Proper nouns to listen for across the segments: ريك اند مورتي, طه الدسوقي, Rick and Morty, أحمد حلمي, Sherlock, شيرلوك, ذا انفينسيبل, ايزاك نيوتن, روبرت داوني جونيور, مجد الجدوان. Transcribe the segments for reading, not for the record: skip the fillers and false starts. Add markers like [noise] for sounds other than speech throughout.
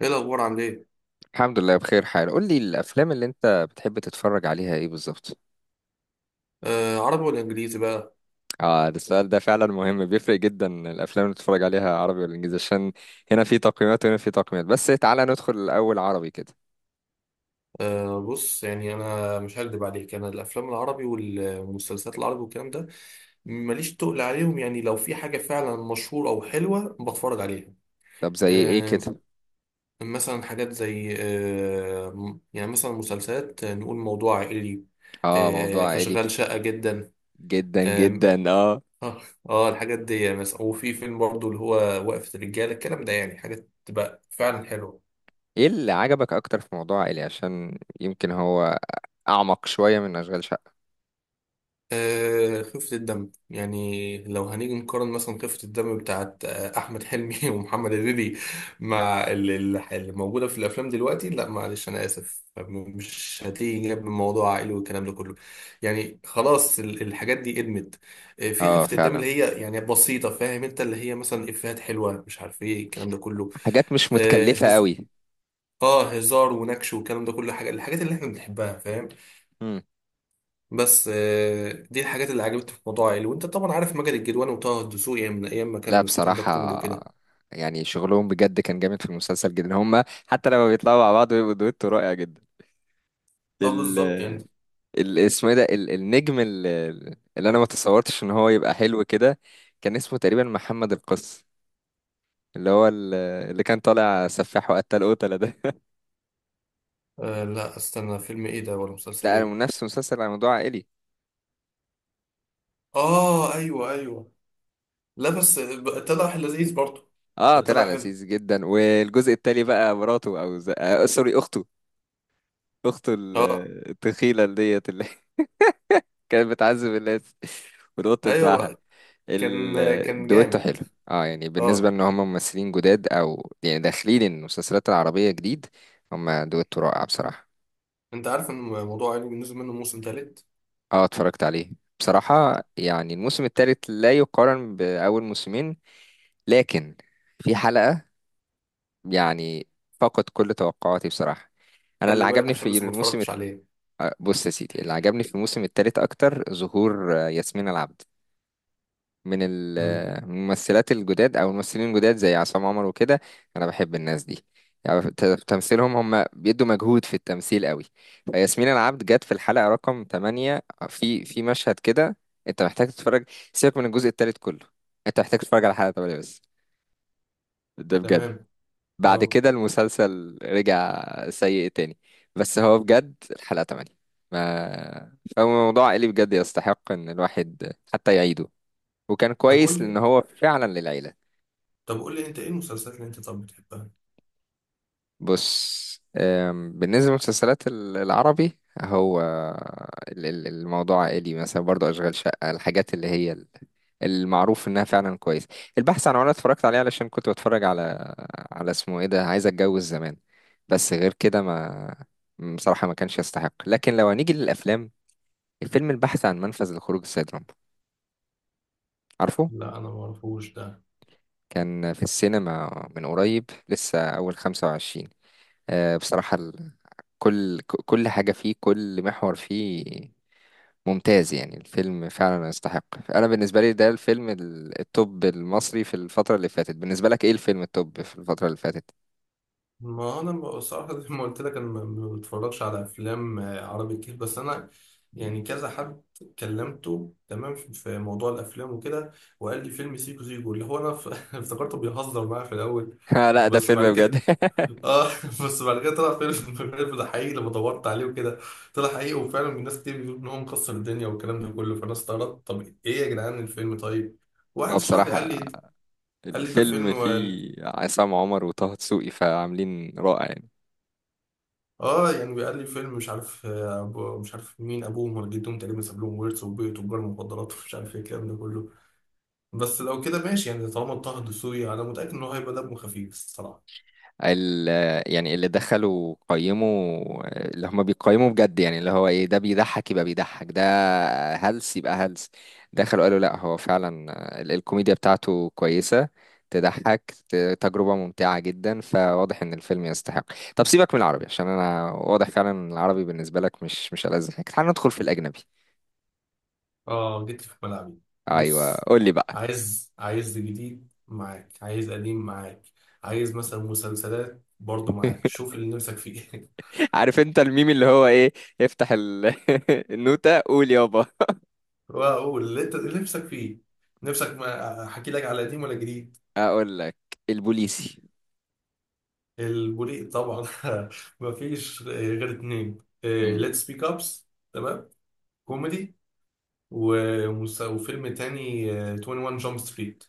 ايه الاخبار؟ عامل ايه؟ الحمد لله بخير حال. قول لي الافلام اللي انت بتحب تتفرج عليها ايه بالظبط؟ آه، عربي ولا انجليزي بقى؟ اه، ده السؤال ده فعلا مهم، بيفرق جدا الافلام اللي بتتفرج عليها عربي ولا انجليزي، عشان هنا في تقييمات وهنا في تقييمات. بس تعالى ندخل الاول عربي كده. آه، بص، يعني انا مش هكدب عليك، انا الافلام العربي والمسلسلات العربي والكلام ده ماليش تقل عليهم، يعني لو في حاجه فعلا مشهوره او حلوه بتفرج عليها. طب زي ايه آه. كده؟ مثلا حاجات زي يعني مثلا مسلسلات، نقول موضوع عائلي. اه موضوع آه، عائلي. اشغال شاقه جدا. جدا آه. جدا اه. اه. الحاجات دي مثلا، وفي فيلم برضو اللي هو وقفة الرجالة الكلام ده، يعني حاجات تبقى فعلا حلوة. ايه اللي عجبك اكتر في موضوع عائلي؟ عشان يمكن هو اعمق شوية من اشغال شقة. خفة الدم، يعني لو هنيجي نقارن مثلا خفة الدم بتاعت أحمد حلمي [laughs] ومحمد هنيدي مع اللي موجودة في الأفلام دلوقتي، لا معلش، أنا آسف، مش هتيجي جنب موضوع عائلي والكلام ده كله. يعني خلاص، الحاجات دي قدمت. في اه خفة الدم فعلا، اللي هي يعني بسيطة، فاهم أنت، اللي هي مثلا إفيهات حلوة، مش عارف إيه الكلام ده كله. حاجات مش آه متكلفة هز- قوي. هزار ونكش والكلام ده كله، حاجة، الحاجات اللي إحنا بنحبها، فاهم؟ بس دي الحاجات اللي عجبتني في موضوع عيل، وانت طبعا عارف مجد الجدوان وطه الدسوقي، يعني من ايام ما لا كان ستاند اب كوميدي بصراحة وكده. يعني شغلهم بجد كان جامد في المسلسل جدا. هما حتى لما بيطلعوا مع بعض بيبقوا دويتو رائع جدا. اه، ال بالظبط يعني. اسمه ايه ده النجم اللي انا ما تصورتش ان هو يبقى حلو كده، كان اسمه تقريبا محمد القس، اللي هو ال- اللي كان طالع سفاح وقتل قتلة ده [laughs] آه، لا، استنى، فيلم ايه ده ولا مسلسل لا انا ايه؟ نفس مسلسل على موضوع عائلي. اه، ايوه، ايوه. لا، بس طلع لذيذ برضه. اه ده طلع طلع حلو. لذيذ جدا، والجزء التالي بقى مراته او ز... آه سوري اخته. اخته ال- اه. التخيلة اللي ديت اللي [laughs] كانت بتعذب الناس [laughs] والقط بتاعها. ايوه كان كان الدويتو جامد. حلو. اه يعني بالنسبة اه. ان هم ممثلين جداد، او يعني داخلين المسلسلات العربية جديد، هم دويتو رائع بصراحة. انت عارف ان موضوع عيل نزل منه موسم تالت؟ اه اتفرجت عليه. بصراحة يعني الموسم الثالث لا يقارن بأول موسمين، لكن في حلقة يعني فقد كل توقعاتي بصراحة. انا اللي خلي بالك عجبني عشان في لسه ما الموسم الت- اتفرجتش عليه. آه، بص يا سيدي، اللي عجبني في الموسم الثالث اكتر ظهور ياسمين العبد، امم. من الممثلات الجداد او الممثلين الجداد زي عصام عمر وكده. انا بحب الناس دي، يعني تمثيلهم هم بيدوا مجهود في التمثيل قوي. فياسمين العبد جت في الحلقة رقم 8، في مشهد كده انت محتاج تتفرج. سيبك من الجزء الثالث كله، انت محتاج تتفرج على حلقة 8 بس. ده بجد. تمام. اه، بعد كده المسلسل رجع سيء تاني، بس هو بجد الحلقة 8 ما فهو موضوع اللي بجد يستحق ان الواحد حتى يعيده، وكان طب قول كويس لان لي، هو فعلا للعيله. انت ايه المسلسلات اللي انت طب بتحبها؟ بص، بالنسبه للمسلسلات العربي، هو الموضوع عائلي مثلا، برضو اشغال شقه، الحاجات اللي هي المعروف انها فعلا كويس. البحث عن عمارة اتفرجت عليه علشان كنت بتفرج على، على اسمه ايه ده، عايز اتجوز زمان. بس غير كده ما، بصراحه ما كانش يستحق. لكن لو هنيجي للافلام، الفيلم البحث عن منفذ لخروج السيد رامبو، عارفه؟ لا، انا ما اعرفوش ده. كان في السينما من قريب لسه اول 25. بصراحة كل كل حاجة فيه، كل محور فيه ممتاز، يعني الفيلم فعلا يستحق. أنا بالنسبة لي ده الفيلم التوب المصري في الفترة اللي فاتت. بالنسبة لك إيه الفيلم التوب في الفترة اللي فاتت؟ ما انا بصراحه، زي ما قلت لك، انا ما بتفرجش على افلام عربي كتير، بس انا يعني كذا حد كلمته، تمام، في موضوع الافلام وكده، وقال لي فيلم سيكو سيكو، اللي هو انا [laughs] افتكرته بيهزر معايا في الاول. [laughs] لا ده بس بعد فيلم بجد. كده، [laughs] اه، [laughs] بس بعد كده طلع فيلم [laughs] فيلم ده حقيقي لما دورت عليه وكده، طلع حقيقي وفعلا الناس كتير بيقولوا ان هو مكسر الدنيا والكلام ده كله، فانا استغربت، طب ايه يا جدعان الفيلم؟ طيب، هو واحد شرح لي بصراحة قال لي، قال لي ده الفيلم فيلم، فيه عصام عمر وطه دسوقي فعاملين رائع يعني. اه، يعني بيقال لي فيلم مش عارف أبو مش عارف مين، ابوهم ولا جدهم تقريبا ساب لهم ورث وبيت وتجار مخدرات ومش عارف ايه الكلام ده كله، بس لو كده ماشي، يعني طالما طه دسوقي انا متاكد ان هو هيبقى دمه خفيف الصراحه. ال، يعني اللي دخلوا قيموا، اللي هم بيقيموا بجد، يعني اللي هو ايه، ده بيضحك يبقى بيضحك، ده هلس يبقى هلس. دخلوا قالوا لا هو فعلا الكوميديا بتاعته كويسة، تضحك، تجربة ممتعة جدا، فواضح ان الفيلم يستحق. طب سيبك من العربي، عشان انا واضح فعلا إن العربي بالنسبة لك مش ألذ حاجة. تعال ندخل في الأجنبي. اه، جيت لي في ملعبي. ايوه بص، قول لي بقى. عايز جديد معاك، عايز قديم معاك، عايز مثلا مسلسلات برضه معاك، [laughs] شوف اللي نفسك فيه [laughs] عارف انت الميم اللي هو ايه؟ افتح [laughs] النوتة قول يابا. واقول اللي انت اللي نفسك فيه، نفسك ما احكي لك على قديم ولا جديد؟ اقول لك: البوليسي. البوليق طبعا [laughs] مفيش غير اتنين، ليتس سبيك ابس، تمام، كوميدي، وفيلم تاني 21 جامب ستريت.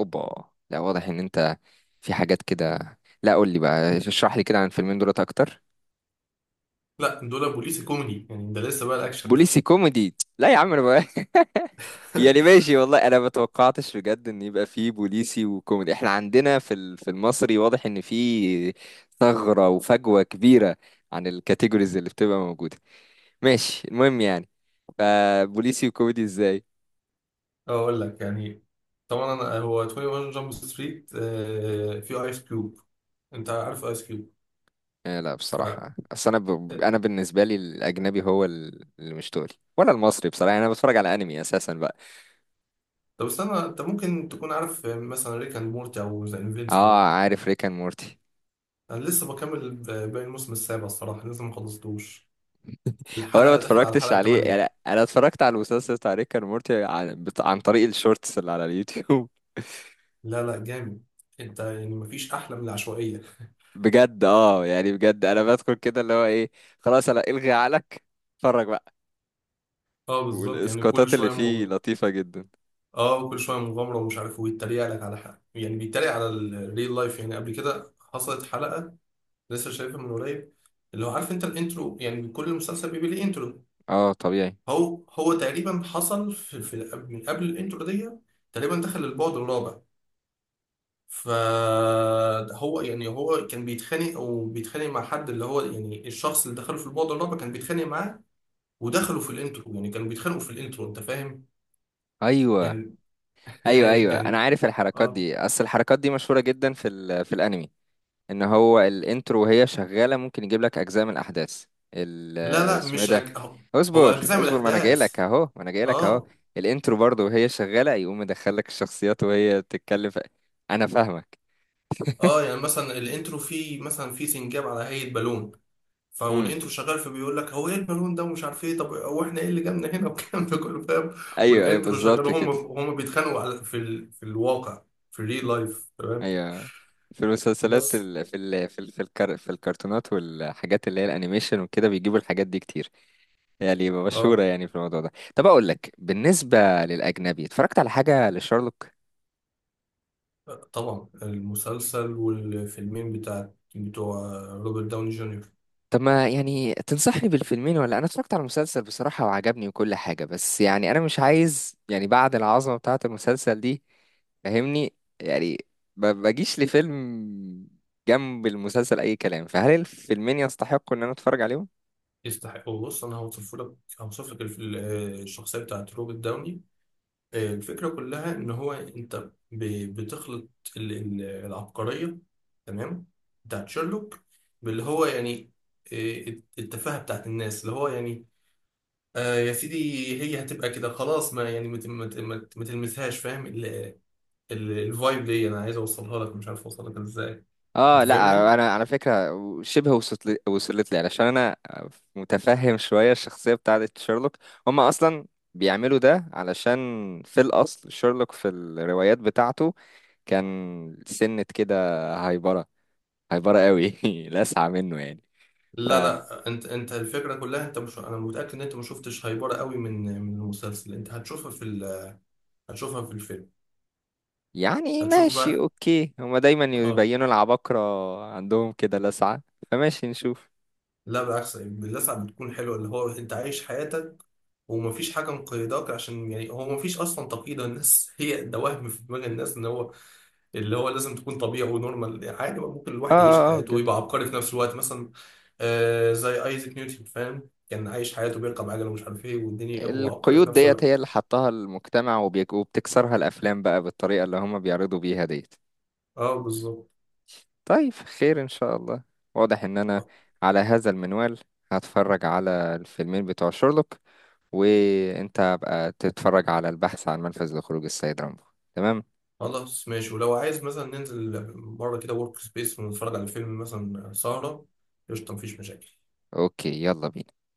اوبا، لا واضح ان انت في حاجات كده. لا قول لي بقى، اشرح لي كده عن الفيلمين دولت اكتر. لا، دول بوليس كوميدي يعني، ده لسه بقى الاكشن بوليسي [laughs] كوميدي؟ لا يا عم انا بقى [laughs] يعني ماشي والله، انا ما توقعتش بجد ان يبقى في بوليسي وكوميدي. احنا عندنا في في المصري واضح ان في ثغرة وفجوة كبيرة عن الكاتيجوريز اللي بتبقى موجودة. ماشي المهم يعني. فبوليسي وكوميدي ازاي؟ اقول لك يعني، طبعا أنا، هو 21 جامب ستريت فيه ايس كيوب، انت عارف ايس كيوب؟ لا ف آه، بصراحة، أنا بالنسبة لي الأجنبي هو اللي مش تقلي ولا المصري. بصراحة أنا بتفرج على أنمي أساسا بقى. طب استنى، انت ممكن تكون عارف مثلا ريك اند مورتي او ذا انفينسيبل؟ اه عارف ريكان مورتي. انا لسه بكمل باقي الموسم السابع، الصراحه لسه ما خلصتوش، هو انا ما الحلقة داخل على اتفرجتش الحلقة عليه، التمانية. يعني انا اتفرجت على المسلسل بتاع ريكان مورتي عن، عن طريق الشورتس اللي على اليوتيوب [laughs] لا، لا، جامد، انت يعني مفيش احلى من العشوائية [laughs] بجد اه، يعني بجد انا بدخل كده اللي هو ايه، خلاص انا الغي عقلك، اتفرج بقى. اه، بالظبط يعني، كل والاسقاطات اللي شوية فيه لطيفة جدا. اه، كل شوية مغامرة ومش عارف ويتريق لك على حاجة، يعني بيتريق على الريل لايف، يعني قبل كده حصلت حلقة لسه شايفها من قريب، اللي هو عارف انت الانترو؟ يعني كل مسلسل بيبقى ليه انترو، اه طبيعي. هو تقريبا حصل في من قبل الانترو دي، تقريبا دخل البعد الرابع، فهو يعني هو كان بيتخانق وبيتخانق مع حد، اللي هو يعني الشخص اللي دخله في البعد الرابع كان بيتخانق معاه، ودخلوا في الانترو، يعني كانوا بيتخانقوا في الانترو، انت فاهم؟ ايوه، يعني [laughs] ايوه، يعني ايوه انا يعني عارف الحركات اه. دي، اصل الحركات دي مشهورة جدا في في الانمي، ان هو الانترو وهي شغالة ممكن يجيب لك اجزاء من الاحداث ال- لا، لا، اسمه ايه مش ده، هو، هو اصبر اجزاء من اصبر ما انا جاي الاحداث. لك اهو، ما انا جاي لك اهو. اه. الانترو برضه وهي شغاله يقوم مدخلك الشخصيات وهي بتتكلم انا فاهمك. اه، [laughs] يعني مثلا الانترو فيه، مثلا فيه سنجاب على هيئة بالون، امم فالانترو شغال فبيقول لك هو ايه البالون ده، ومش عارف ايه، طب هو احنا ايه اللي جابنا هنا والكلام ده كله، فاهم؟ ايوه ايوه والانترو شغال، بالظبط هم كده. هم بيتخانقوا على في الواقع، في الريل لايف. ايوه في المسلسلات بس. في الكرتونات والحاجات اللي هي الانيميشن وكده بيجيبوا الحاجات دي كتير، يعني مشهوره اه، يعني في الموضوع ده. طب اقول لك بالنسبه للاجنبي، اتفرجت على حاجه لشارلوك. طبعا المسلسل والفيلمين بتوع روبرت داوني جونيور. طب ما يعني تنصحني بالفيلمين؟ ولا انا اتفرجت على المسلسل بصراحة وعجبني وكل حاجة، بس يعني انا مش عايز يعني بعد العظمة بتاعة المسلسل دي، فاهمني يعني؟ ما بجيش لفيلم جنب المسلسل اي كلام. فهل الفيلمين يستحقوا ان انا اتفرج عليهم؟ يستحقوا، بص، انا هوصف لك الشخصيه بتاعت روبرت داوني، الفكره كلها ان هو انت بتخلط العبقريه، تمام، بتاعت شيرلوك، باللي هو يعني، آه، التفاهه بتاعت الناس، اللي هو يعني، آه يا سيدي، هي هتبقى كده خلاص، ما يعني ما تلمسهاش، فاهم؟ الفايب دي انا عايز اوصلها لك، مش عارف اوصلها لك ازاي، اه انت فاهمني. لا انا على فكرة شبه وصلت لي علشان انا متفهم شوية الشخصية بتاعة شيرلوك. هما اصلا بيعملوا ده علشان في الاصل شيرلوك في الروايات بتاعته كان سنة كده هايبرة، هايبرة قوي [laughs] لسعة منه يعني. ف لا، لا، انت الفكره كلها، انت مش، انا متاكد ان انت ما شفتش هايبره قوي من المسلسل، انت هتشوفها هتشوفها في الفيلم، يعني هتشوف ماشي بقى. اوكي، هما دايما اه. يبينوا العباقرة عندهم كده لسعة. فماشي نشوف. لا بالعكس، باللسعة بتكون حلوه، اللي هو انت عايش حياتك ومفيش حاجه مقيداك، عشان يعني هو مفيش اصلا تقييد الناس [laughs] هي ده، وهم في دماغ الناس ان هو اللي هو لازم تكون طبيعي ونورمال، يعني عادي، ممكن اه الواحد يعيش اه اه حياته جد. ويبقى عبقري في نفس الوقت مثلا، زي ايزاك نيوتن، فاهم، كان عايش حياته بيركب عجله ومش عارف ايه والدنيا، وعبقري في القيود نفس ديت هي الوقت. اللي حطها المجتمع، وبتكسرها الافلام بقى بالطريقة اللي هما بيعرضوا بيها ديت. اه، بالظبط. طيب خير ان شاء الله. واضح ان انا على هذا المنوال هتفرج على الفيلمين بتوع شيرلوك، وانت بقى تتفرج على البحث عن منفذ لخروج السيد رامبو. تمام. خلاص ماشي، ولو عايز مثلا ننزل مره كده ورك سبيس ونتفرج على فيلم مثلا سهره، قشطه، مفيش مشاكل. اوكي يلا بينا.